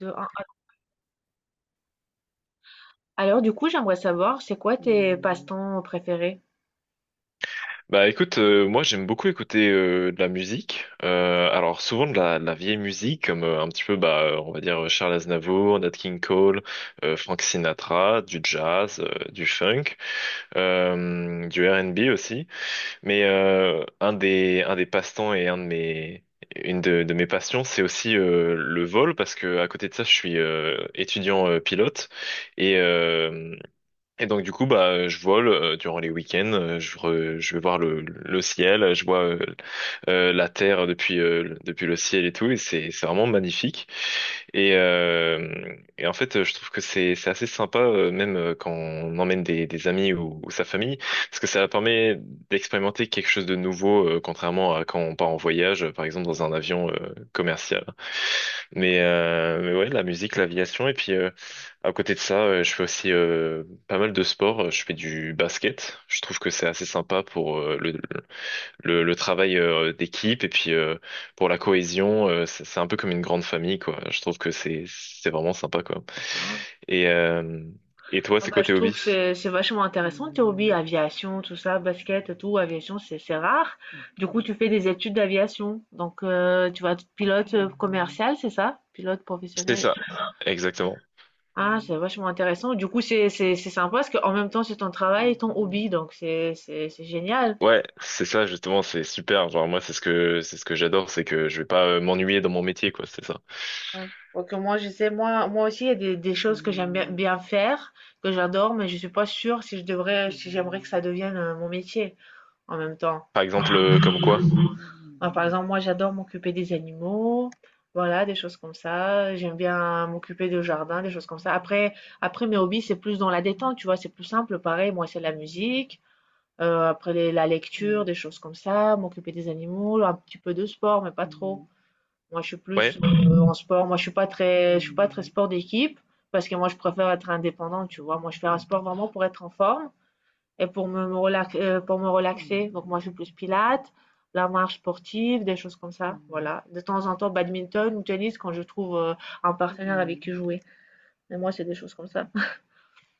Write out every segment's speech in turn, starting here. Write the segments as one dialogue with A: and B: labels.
A: De un à j'aimerais savoir, c'est quoi tes passe-temps préférés?
B: Bah écoute, moi j'aime beaucoup écouter de la musique. Alors souvent de la vieille musique, comme un petit peu, on va dire Charles Aznavour, Nat King Cole, Frank Sinatra, du jazz, du funk, du R&B aussi. Mais un des passe-temps et un de mes une de mes passions, c'est aussi le vol, parce que à côté de ça, je suis étudiant pilote et euh, et donc du coup bah je vole durant les week-ends, je vais voir le ciel, je vois la terre depuis depuis le ciel et tout, et c'est vraiment magnifique, et euh, et en fait je trouve que c'est assez sympa, même quand on emmène des amis ou sa famille, parce que ça permet d'expérimenter quelque chose de nouveau, contrairement à quand on part en voyage, par exemple dans un avion commercial. Mais ouais, la musique, l'aviation. Et puis, à côté de ça, je fais aussi pas mal de sport. Je fais du basket. Je trouve que c'est assez sympa pour le travail d'équipe, et puis pour la cohésion. C'est un peu comme une grande famille, quoi. Je trouve que c'est vraiment sympa, quoi.
A: Ah.
B: Et, euh, et toi,
A: Ah
B: c'est
A: bah,
B: quoi
A: je
B: tes
A: trouve que
B: hobbies?
A: c'est vachement intéressant tes hobbies, aviation, tout ça, basket et tout, aviation, c'est rare. Du coup, tu fais des études d'aviation. Donc tu vas être pilote commercial, c'est ça? Pilote
B: C'est
A: professionnel.
B: ça, exactement.
A: Ah, c'est vachement intéressant. Du coup, c'est sympa parce qu'en même temps, c'est ton travail et ton hobby, donc c'est génial.
B: Ouais, c'est ça, justement, c'est super. Genre moi, c'est ce que j'adore, c'est que je vais pas m'ennuyer dans mon métier, quoi. C'est ça.
A: Ouais. Donc moi je sais, moi, moi aussi il y a des choses que j'aime bien, bien faire, que j'adore, mais je suis pas sûre si je devrais, si j'aimerais que ça devienne mon métier en même temps.
B: Par exemple, comme quoi?
A: Enfin, par exemple, moi j'adore m'occuper des animaux, voilà, des choses comme ça. J'aime bien m'occuper de jardin, des choses comme ça. Après, après mes hobbies, c'est plus dans la détente, tu vois, c'est plus simple. Pareil, moi c'est la musique, la lecture, des choses comme ça, m'occuper des animaux, un petit peu de sport, mais pas trop. Moi, je suis plus
B: Ouais,
A: en sport. Moi, je suis pas très sport d'équipe parce que moi, je préfère être indépendante, tu vois. Moi, je fais un sport vraiment pour être en forme et pour pour me relaxer. Donc, moi, je suis plus pilates, la marche sportive, des choses comme ça. Voilà. De temps en temps, badminton ou tennis quand je trouve un partenaire avec qui jouer. Mais moi, c'est des choses comme ça.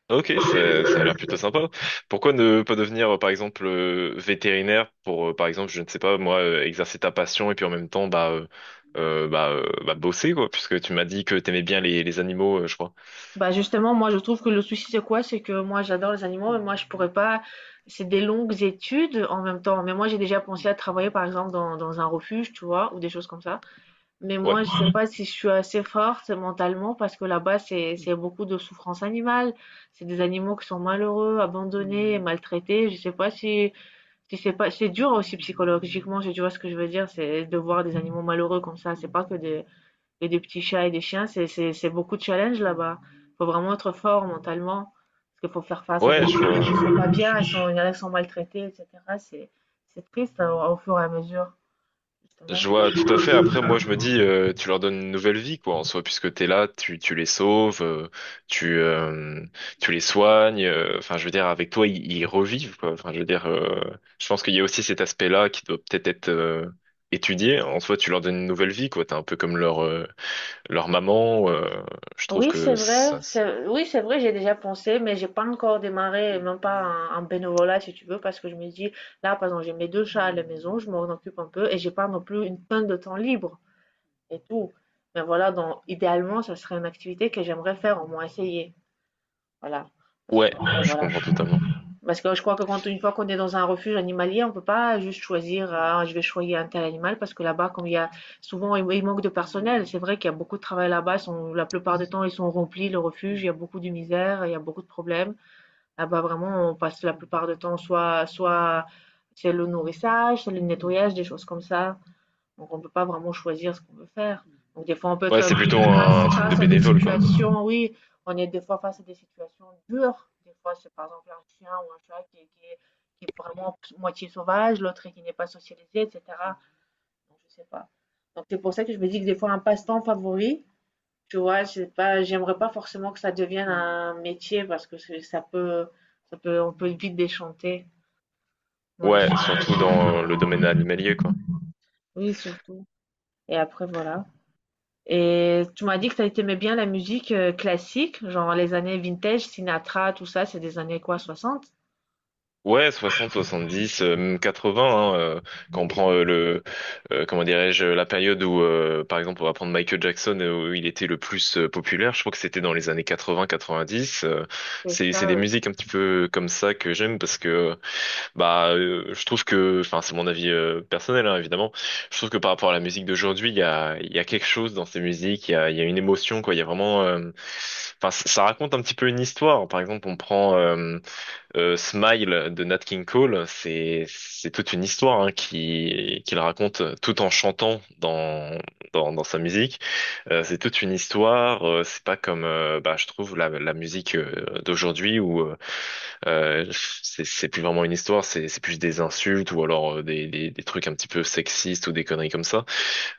B: ok, ça a l'air plutôt sympa. Pourquoi ne pas devenir, par exemple, vétérinaire, pour, par exemple, je ne sais pas, moi, exercer ta passion et puis en même temps, bah, bosser, quoi, puisque tu m'as dit que t'aimais bien les animaux, je crois.
A: Bah, justement, moi, je trouve que le souci, c'est quoi? C'est que moi, j'adore les animaux, mais moi, je pourrais pas. C'est des longues études en même temps. Mais moi, j'ai déjà pensé à travailler, par exemple, dans un refuge, tu vois, ou des choses comme ça. Mais moi,
B: Ouais,
A: je sais pas si je suis assez forte mentalement parce que là-bas, c'est beaucoup de souffrance animale. C'est des animaux qui sont malheureux, abandonnés, maltraités. Je sais pas si si c'est dur aussi psychologiquement. Si tu vois ce que je veux dire, c'est de voir des animaux malheureux comme ça. C'est pas que des petits chats et des chiens. C'est beaucoup de challenge là-bas. Faut vraiment être fort mentalement parce qu'il faut faire face à des
B: ouais, je
A: animaux qui
B: vois.
A: sont pas bien, ils sont, il y en a qui sont maltraités, etc. C'est c'est triste hein, au fur et à mesure justement.
B: Je vois tout à fait. Après, moi, je me dis, tu leur donnes une nouvelle vie, quoi, en soi, puisque t'es là, tu les sauves, tu, euh, tu les soignes. Enfin, je veux dire, avec toi, ils revivent, quoi. Enfin, je veux dire, je pense qu'il y a aussi cet aspect-là qui doit peut-être être, étudié. En soi, tu leur donnes une nouvelle vie, quoi. T'es un peu comme leur, leur maman. Je trouve
A: Oui, c'est
B: que
A: vrai.
B: ça-
A: Oui, c'est vrai, j'ai déjà pensé, mais j'ai pas encore démarré, même pas en bénévolat, si tu veux, parce que je me dis, là, par exemple, j'ai mes deux chats à la maison, je m'en occupe un peu et j'ai pas non plus une tonne de temps libre et tout. Mais voilà, donc, idéalement, ça serait une activité que j'aimerais faire, au moins essayer. Voilà. Parce que, bon,
B: ouais, je
A: voilà.
B: comprends totalement.
A: Parce que je crois que quand une fois qu'on est dans un refuge animalier, on peut pas juste choisir, ah, je vais choisir un tel animal, parce que là-bas, comme il y a souvent, il manque de personnel. C'est vrai qu'il y a beaucoup de travail là-bas. La plupart du temps, ils sont remplis, le refuge. Il y a beaucoup de misère, il y a beaucoup de problèmes. Là-bas, vraiment, on passe la plupart du temps, soit c'est le nourrissage, c'est le nettoyage, des choses comme ça. Donc on ne peut pas vraiment choisir ce qu'on veut faire. Donc des fois, on peut
B: Ouais,
A: être
B: c'est plutôt un truc de
A: face à des
B: bénévole, quoi.
A: situations, oui, on est des fois face à des situations dures. Des fois, c'est par exemple un chien ou un chat qui est vraiment moitié sauvage, l'autre qui n'est pas socialisé, etc. Donc, je sais pas. Donc c'est pour ça que je me dis que des fois, un passe-temps favori, tu vois, c'est pas, j'aimerais pas forcément que ça devienne un métier parce que ça peut, on peut vite déchanter. Moi, je suis.
B: Ouais, surtout dans le domaine animalier, quoi.
A: Oui, surtout. Et après, voilà. Et tu m'as dit que tu aimais bien la musique classique, genre les années vintage, Sinatra, tout ça, c'est des années quoi, 60?
B: Ouais, 60, 70, même 80, hein, quand on prend comment dirais-je, la période où, par exemple, on va prendre Michael Jackson, où il était le plus populaire. Je crois que c'était dans les années 80, 90,
A: C'est
B: c'est
A: ça,
B: des
A: oui.
B: musiques un petit peu comme ça que j'aime, parce que, je trouve que, enfin, c'est mon avis personnel, hein, évidemment, je trouve que par rapport à la musique d'aujourd'hui, il y a quelque chose dans ces musiques, il y a une émotion, quoi, il y a vraiment, enfin, ça raconte un petit peu une histoire. Par exemple, on prend, Smile de Nat King Cole, c'est toute une histoire, hein, qui qu'il raconte tout en chantant dans dans sa musique. C'est toute une histoire. C'est pas comme bah, je trouve la musique d'aujourd'hui où c'est plus vraiment une histoire, c'est plus des insultes, ou alors des trucs un petit peu sexistes, ou des conneries comme ça.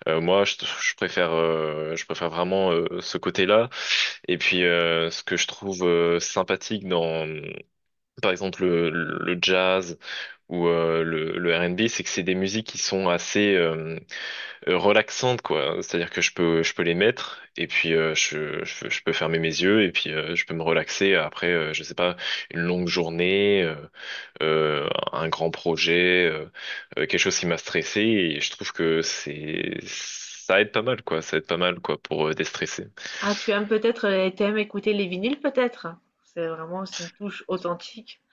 B: Euh, moi je, je préfère, je préfère vraiment ce côté-là. Et puis ce que je trouve sympathique dans par exemple le jazz ou le R&B, c'est que c'est des musiques qui sont assez relaxantes, quoi. C'est-à-dire que je peux les mettre et puis je peux fermer mes yeux, et puis je peux me relaxer après, je sais pas, une longue journée, un grand projet, quelque chose qui m'a stressé, et je trouve que c'est ça aide pas mal, quoi. Ça aide pas mal, quoi, pour déstresser.
A: Ah, tu aimes peut-être, tu aimes écouter les vinyles peut-être? C'est vraiment, c'est une touche authentique.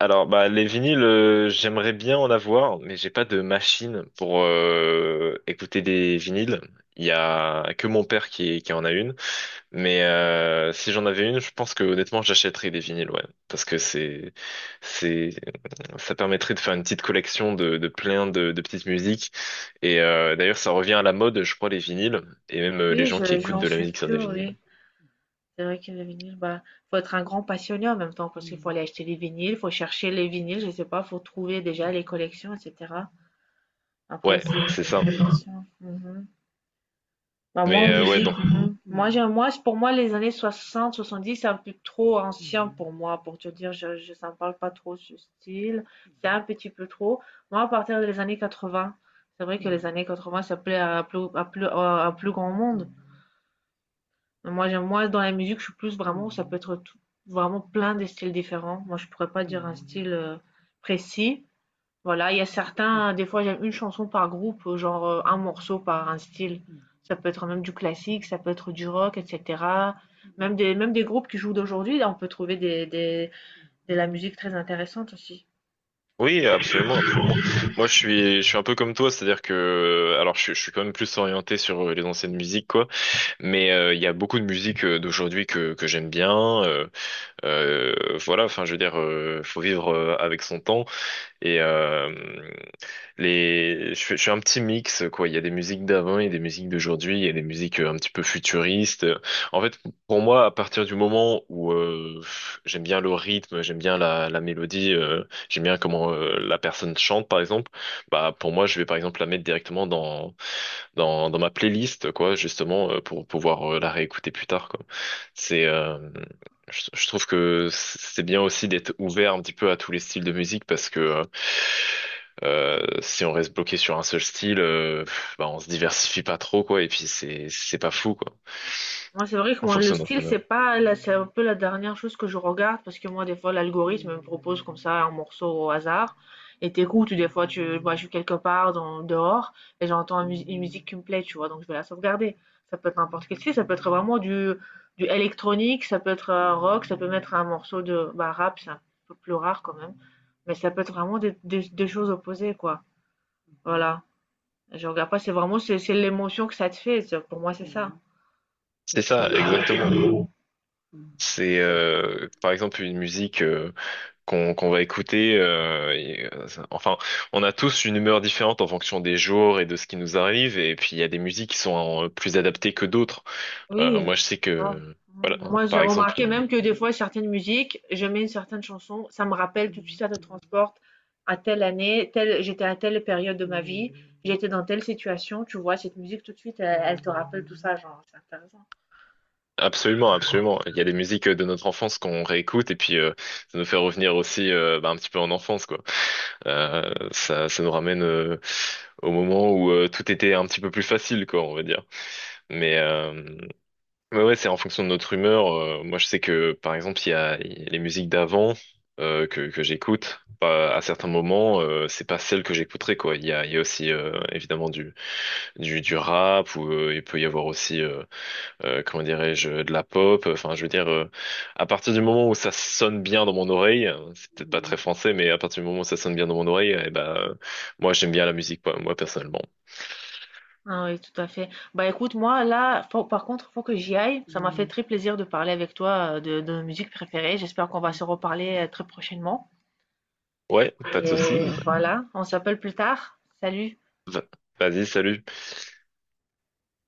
B: Alors, bah, les vinyles, j'aimerais bien en avoir, mais j'ai pas de machine pour écouter des vinyles. Il y a que mon père qui en a une, mais si j'en avais une, je pense que honnêtement, j'achèterais des vinyles, ouais, parce que c'est, ça permettrait de faire une petite collection de plein de petites musiques. Et d'ailleurs, ça revient à la mode, je crois, les vinyles, et même les
A: Oui,
B: gens qui
A: je,
B: écoutent
A: j'en
B: de la
A: suis
B: musique sur des
A: sûre,
B: vinyles.
A: oui. C'est vrai que les vinyles, bah, faut être un grand passionné en même temps, parce qu'il faut Mhm. aller acheter les vinyles, faut chercher les vinyles, je sais pas, faut trouver déjà les collections, etc. Après,
B: Ouais, c'est
A: c'est
B: ça.
A: une vraie passion. Bah, moi,
B: Mais
A: en
B: euh, ouais,
A: musique,
B: donc
A: mhm. moi, j'aime, moi, pour moi, les années 60, 70, c'est un peu trop ancien pour moi, pour te dire, ça me parle pas trop ce style. C'est un petit peu trop. Moi, à partir des années 80, c'est vrai que les années 80, ça plaît à un plus grand monde. Mais moi, j'aime, moi, dans la musique, je suis plus vraiment, ça peut être vraiment plein de styles différents. Moi, je pourrais pas dire un style précis. Voilà, il y a certains, des fois j'aime une chanson par groupe, un morceau par un style. Ça peut être même du classique, ça peut être du rock, etc. Même des groupes qui jouent d'aujourd'hui, là on peut trouver de la musique très intéressante aussi.
B: Oui, absolument, absolument. Moi, je suis un peu comme toi, c'est-à-dire que, alors, je suis quand même plus orienté sur les anciennes musiques, quoi. Mais il y a beaucoup de musique d'aujourd'hui que j'aime bien. euh, voilà, enfin, je veux dire, faut vivre avec son temps. Et euh, je fais un petit mix, quoi. Il y a des musiques d'avant et des musiques d'aujourd'hui, il y a des musiques un petit peu futuristes. En fait, pour moi, à partir du moment où j'aime bien le rythme, j'aime bien la mélodie, j'aime bien comment la personne chante, par exemple, bah pour moi, je vais par exemple la mettre directement dans ma playlist, quoi, justement, pour pouvoir la réécouter plus tard, quoi. C'est, euh, je trouve que c'est bien aussi d'être ouvert un petit peu à tous les styles de musique, parce que si on reste bloqué sur un seul style, bah, on se diversifie pas trop, quoi, et puis c'est pas fou, quoi,
A: Moi, c'est vrai que
B: en
A: moi, le
B: fonction de notre
A: style, c'est
B: humeur.
A: pas, là, c'est un peu la dernière chose que je regarde parce que moi, des fois, l'algorithme me propose comme ça un morceau au hasard et t'écoutes. Ou Des fois, je suis quelque part dehors et j'entends une musique qui me plaît, tu vois, donc je vais la sauvegarder. Ça peut être n'importe quel style, ça peut être vraiment du électronique, ça peut être un rock, ça peut mettre un morceau de bah, rap, c'est un peu plus rare quand même, mais ça peut être vraiment des choses opposées, quoi. Voilà. Je regarde pas, c'est vraiment, c'est l'émotion que ça te fait. Pour moi, c'est ça.
B: C'est
A: Je-
B: ça, exactement. C'est par exemple une musique qu'on va écouter. Enfin, on a tous une humeur différente en fonction des jours et de ce qui nous arrive. Et puis il y a des musiques qui sont plus adaptées que d'autres.
A: Oui,
B: Moi, je sais
A: grave.
B: que voilà,
A: Mmh. Moi, j'ai
B: par exemple,
A: remarqué même que des fois, certaines musiques, je mets une certaine chanson, ça me rappelle tout de suite, ça te transporte à telle année, telle, j'étais à telle période de ma vie, j'étais dans telle situation, tu vois, cette musique tout de suite, elle te rappelle tout ça, genre, c'est intéressant.
B: absolument, absolument, il y a des musiques de notre enfance qu'on réécoute, et puis ça nous fait revenir aussi, bah, un petit peu en enfance, quoi. Ça nous ramène au moment où tout était un petit peu plus facile, quoi, on va dire. Mais euh, Ouais, ouais, c'est en fonction de notre humeur. Moi, je sais que, par exemple, il y a les musiques d'avant que j'écoute. Bah, à certains moments, c'est pas celle que j'écouterais, quoi. Il y a aussi, évidemment, du rap, ou il peut y avoir aussi, comment dirais-je, de la pop. Enfin, je veux dire, à partir du moment où ça sonne bien dans mon oreille, c'est peut-être pas très français, mais à partir du moment où ça sonne bien dans mon oreille, eh ben, moi, j'aime bien la musique, quoi, moi, personnellement.
A: Ah oui, tout à fait. Bah écoute, moi, là, faut que j'y aille. Ça m'a fait très plaisir de parler avec toi de nos musiques préférées. J'espère qu'on va se reparler très prochainement.
B: Ouais, pas de souci.
A: Et voilà, on s'appelle plus tard. Salut.
B: Va- Vas-y, salut.